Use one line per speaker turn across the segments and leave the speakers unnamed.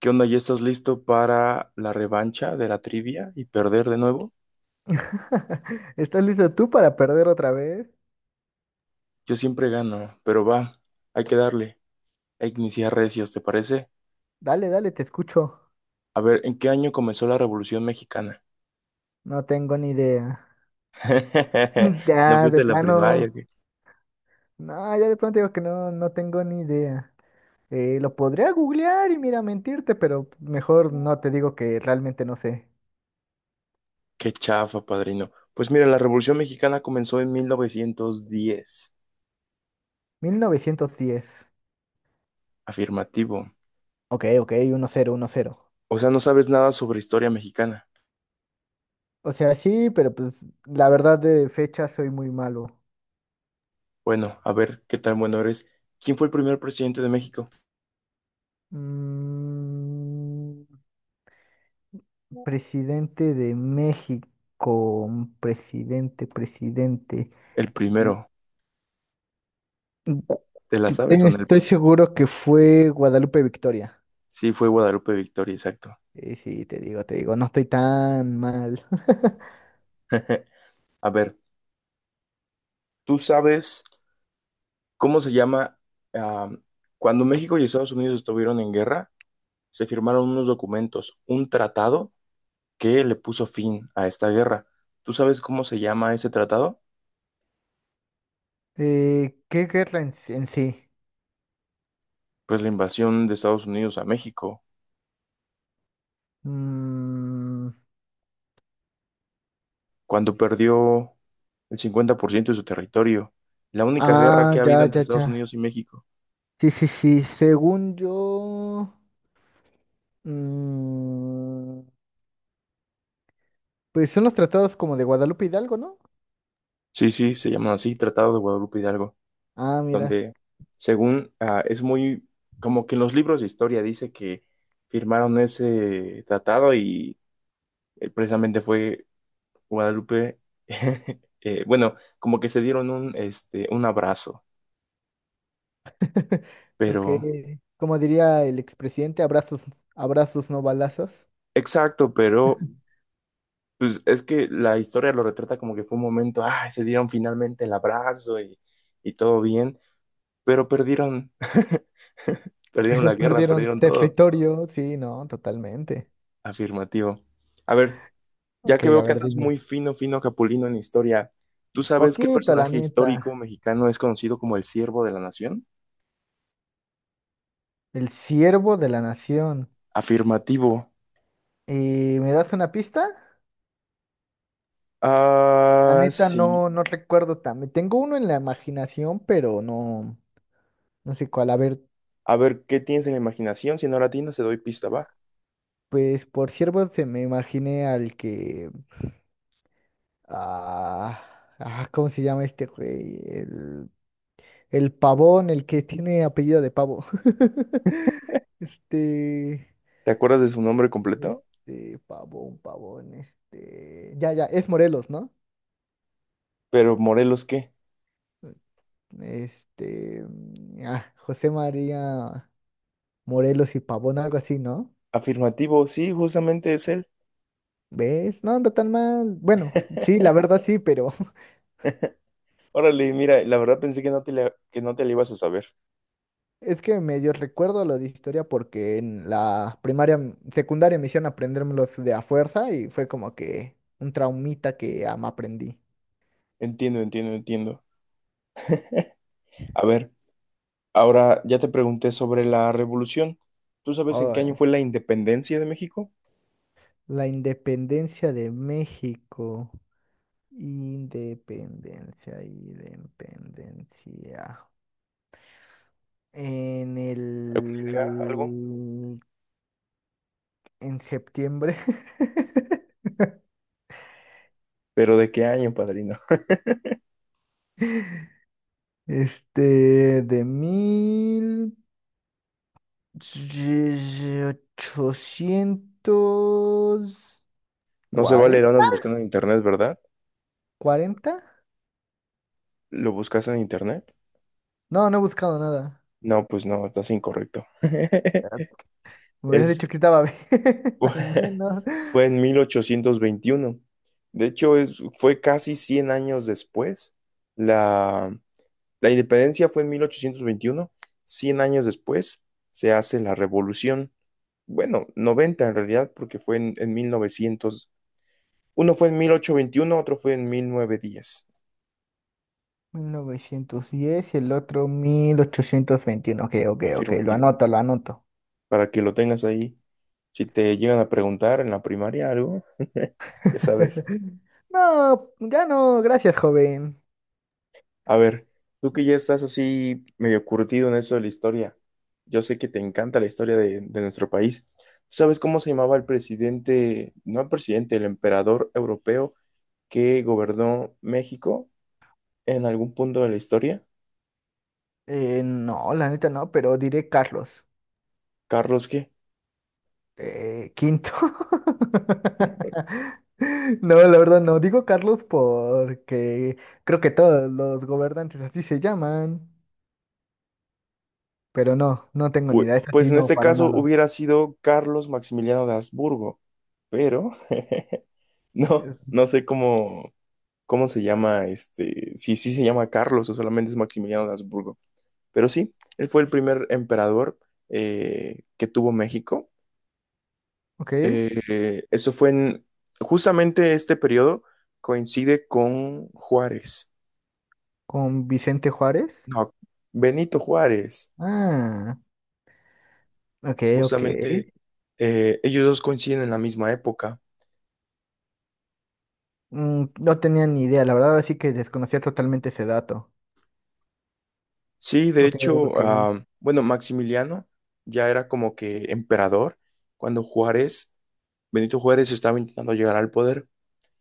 ¿Qué onda? ¿Ya estás listo para la revancha de la trivia y perder de nuevo?
¿Estás listo tú para perder otra vez?
Yo siempre gano, pero va, hay que darle, a que iniciar recios, ¿te parece?
Dale, dale, te escucho.
A ver, ¿en qué año comenzó la Revolución Mexicana?
No tengo ni idea. Mm.
¿No
Ya,
fuiste
de
a la primaria?
plano.
¿Qué,
No, ya de plano te digo que no, no tengo ni idea. Lo podría googlear y mira, mentirte, pero mejor no te digo que realmente no sé.
qué chafa, padrino? Pues mira, la Revolución Mexicana comenzó en 1910.
1910.
Afirmativo.
Ok, ok, uno cero, uno cero.
O sea, no sabes nada sobre historia mexicana.
O sea, sí, pero pues la verdad de fecha soy muy malo.
Bueno, a ver, ¿qué tan bueno eres? ¿Quién fue el primer presidente de México?
Mm, Presidente de México, un presidente, presidente.
El
Gu-
primero. ¿Te la sabes o no?
Estoy seguro que fue Guadalupe Victoria.
Sí, fue Guadalupe Victoria, exacto.
Sí, te digo, no estoy tan mal.
A ver, ¿tú sabes cómo se llama? ah, Cuando México y Estados Unidos estuvieron en guerra, se firmaron unos documentos, un tratado que le puso fin a esta guerra. ¿Tú sabes cómo se llama ese tratado?
¿Qué guerra en, sí? ¿En sí?
Pues la invasión de Estados Unidos a México,
Mm,
cuando perdió el 50% de su territorio. La única guerra
ah,
que ha
ya,
habido entre
ya, ya.
Estados Unidos y México.
Sí, sí, sí. Según yo, mm, pues son los tratados como de Guadalupe Hidalgo, ¿no?
Sí, sí, se llama así, Tratado de Guadalupe Hidalgo.
Ah, mira.
Donde según es muy, como que en los libros de historia dice que firmaron ese tratado y precisamente fue Guadalupe, bueno, como que se dieron un, este, un abrazo,
Ok,
pero,
como diría el expresidente, abrazos, abrazos no balazos.
exacto, pero pues es que la historia lo retrata como que fue un momento, ah, se dieron finalmente el abrazo y todo bien, pero perdieron, perdieron
Pero
la guerra,
perdieron, perdieron
perdieron todo,
territorio. Sí, no, totalmente.
afirmativo. A ver. Ya
Ok,
que veo
a
que
ver,
andas
dime.
muy fino, fino capulino en historia, ¿tú sabes qué
Poquito, la
personaje histórico
neta.
mexicano es conocido como el siervo de la nación?
El siervo de la nación.
Afirmativo.
¿Y me das una pista? La
Ah,
neta
sí.
no, no recuerdo también. Tengo uno en la imaginación, pero no, no sé cuál. A ver,
A ver, ¿qué tienes en la imaginación? Si no la tienes, te doy pista, va.
pues por siervo se me imaginé al que, ah, ¿cómo se llama este güey? El pavón, el que tiene apellido de pavo. Este,
¿Te acuerdas de su nombre completo?
pavón, pavón, este. Ya, ya, es Morelos, ¿no?
Pero Morelos, ¿qué?
José María Morelos y Pavón, algo así, ¿no?
Afirmativo, sí, justamente es él.
¿Ves? No anda tan mal. Bueno, sí, la verdad sí, pero
Órale, mira, la verdad pensé que no te la, que no te la ibas a saber.
es que medio recuerdo lo de historia porque en la primaria, secundaria me hicieron aprendérmelos de a fuerza y fue como que un traumita que ya me aprendí.
Entiendo, entiendo, entiendo. A ver. Ahora, ya te pregunté sobre la revolución. ¿Tú sabes en qué año fue la independencia de México?
La independencia de México. Independencia, independencia. En
¿Idea? ¿Algo?
el... En septiembre.
¿Pero de qué año, padrino?
De
No se vale,
1840.
lo
¿Cuarenta,
andas buscando en internet, ¿verdad?
cuarenta?
¿Lo buscas en internet?
No, no he buscado nada.
No, pues no, estás incorrecto.
Me hubieras
Es,
dicho que estaba bien,
fue
al menos.
fue en 1821. De hecho, es, fue casi 100 años después. La, la independencia fue en 1821. 100 años después se hace la revolución. Bueno, 90 en realidad, porque fue en 1900. Uno fue en 1821, otro fue en 1910.
1910 y el otro 1821. Ok, ok, ok, lo
Afirmativo.
anoto, lo anoto.
Para que lo tengas ahí. Si te llegan a preguntar en la primaria algo, ya sabes.
No, ya no gracias, joven.
A ver, tú que ya estás así medio curtido en eso de la historia. Yo sé que te encanta la historia de nuestro país. ¿Tú sabes cómo se llamaba el presidente, no el presidente, el emperador europeo que gobernó México en algún punto de la historia?
No, la neta no, pero diré Carlos.
¿Carlos qué?
Quinto. No, la verdad no. Digo Carlos porque creo que todos los gobernantes así se llaman, pero no, no tengo ni
Pu-
idea. Es
Pues
así,
en
no,
este
para
caso
nada.
hubiera sido Carlos Maximiliano de Habsburgo, pero no,
Eh,
no sé cómo, cómo se llama este, si sí se llama Carlos o solamente es Maximiliano de Habsburgo, pero sí, él fue el primer emperador que tuvo México.
Ok,
Eso fue en, justamente este periodo coincide con Juárez,
con Vicente Juárez.
no, Benito Juárez,
Ah, ok, ok.
justamente ellos dos coinciden en la misma época.
Mm, no tenía ni idea, la verdad, así que desconocía totalmente ese dato.
Sí, de
Ok,
hecho,
ok.
ah, bueno, Maximiliano ya era como que emperador cuando Juárez, Benito Juárez estaba intentando llegar al poder.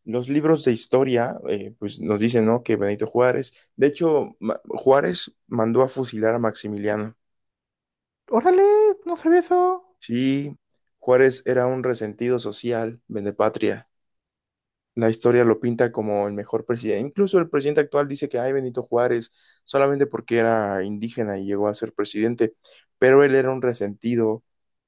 Los libros de historia, pues nos dicen, ¿no? Que Benito Juárez, de hecho, Ma- Juárez mandó a fusilar a Maximiliano.
Órale, no sabía eso.
Sí, Juárez era un resentido social, patria. La historia lo pinta como el mejor presidente. Incluso el presidente actual dice que, ay, Benito Juárez, solamente porque era indígena y llegó a ser presidente, pero él era un resentido,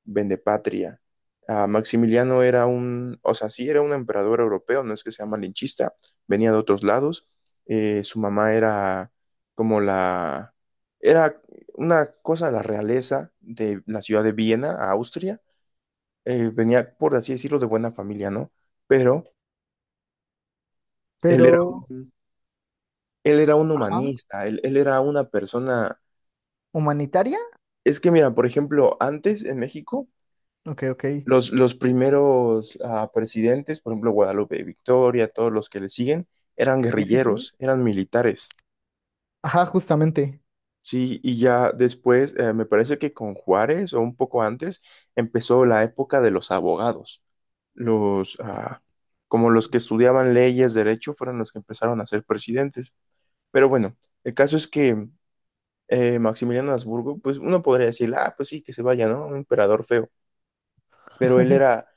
vendepatria. Ah, Maximiliano era un, o sea, sí era un emperador europeo, no es que sea malinchista, venía de otros lados. Su mamá era como la, era una cosa de la realeza de la ciudad de Viena, a Austria. Venía, por así decirlo, de buena familia, ¿no? Pero él
Pero,
era un... Él era un
ajá,
humanista, él era una persona...
¿humanitaria?
Es que mira, por ejemplo, antes en México,
Ok, ok.
los primeros ah, presidentes, por ejemplo, Guadalupe Victoria, todos los que le siguen, eran
Sí, sí, sí.
guerrilleros, eran militares.
Ajá, justamente.
Sí, y ya después, me parece que con Juárez o un poco antes, empezó la época de los abogados. Los, ah, como los que estudiaban leyes, derecho, fueron los que empezaron a ser presidentes. Pero bueno, el caso es que Maximiliano Habsburgo, pues uno podría decir, ah, pues sí, que se vaya, ¿no? Un emperador feo. Pero él era,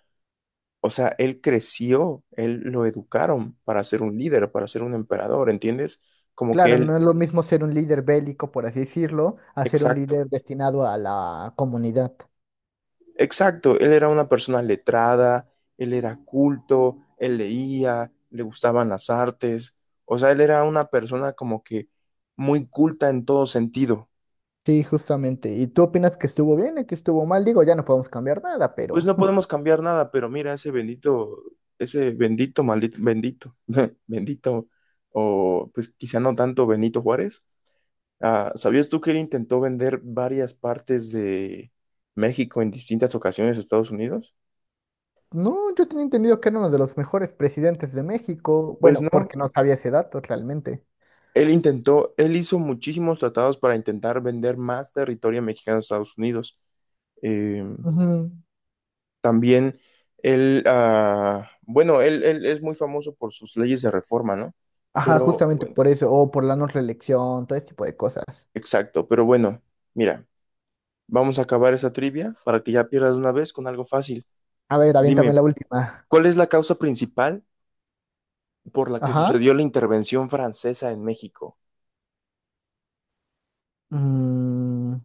o sea, él creció, él lo educaron para ser un líder, para ser un emperador, ¿entiendes? Como que
Claro, no
él,
es lo mismo ser un líder bélico, por así decirlo, a ser un
exacto,
líder destinado a la comunidad.
exacto, él era una persona letrada, él era culto, él leía, le gustaban las artes, o sea, él era una persona como que muy culta en todo sentido.
Sí, justamente. ¿Y tú opinas que estuvo bien y que estuvo mal? Digo, ya no podemos cambiar nada,
Pues
pero...
no podemos cambiar nada, pero mira, ese bendito, maldito, bendito, bendito, o pues quizá no tanto Benito Juárez. Ah, ¿sabías tú que él intentó vender varias partes de México en distintas ocasiones a Estados Unidos?
No, yo tenía entendido que era uno de los mejores presidentes de México.
Pues
Bueno,
no,
porque no sabía ese dato realmente.
él intentó, él hizo muchísimos tratados para intentar vender más territorio mexicano a Estados Unidos. Eh,
Ujú.
También él, ah, bueno, él es muy famoso por sus leyes de reforma, ¿no?
Ajá,
Pero
justamente
bueno,
por eso, o por la no reelección, todo ese tipo de cosas.
exacto, pero bueno, mira, vamos a acabar esa trivia para que ya pierdas de una vez con algo fácil.
A ver, aviéntame
Dime,
la última.
¿cuál es la causa principal por la que
Ajá.
sucedió la intervención francesa en México?
Mm,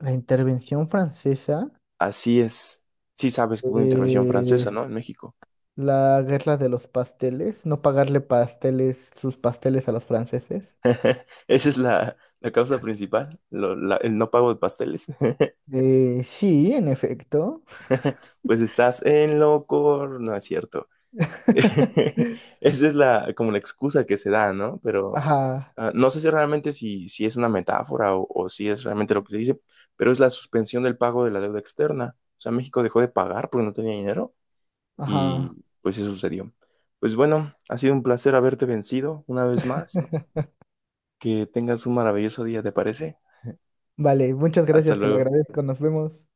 la intervención francesa,
Así es, sí sabes que hubo una intervención
eh,
francesa, ¿no? En México.
la guerra de los pasteles, no pagarle pasteles, sus pasteles a los franceses.
Esa es la, la causa principal, lo- la- el no pago de pasteles.
Sí, en efecto.
Pues estás en loco, no es cierto. Esa es la, como la excusa que se da, ¿no? Pero
Ajá,
no sé si realmente si, si es una metáfora o si es realmente lo que se dice, pero es la suspensión del pago de la deuda externa. O sea, México dejó de pagar porque no tenía dinero
ajá.
y pues eso sucedió. Pues bueno, ha sido un placer haberte vencido una vez más. Que tengas un maravilloso día, ¿te parece?
Vale, muchas
Hasta
gracias, te lo
luego.
agradezco, nos vemos.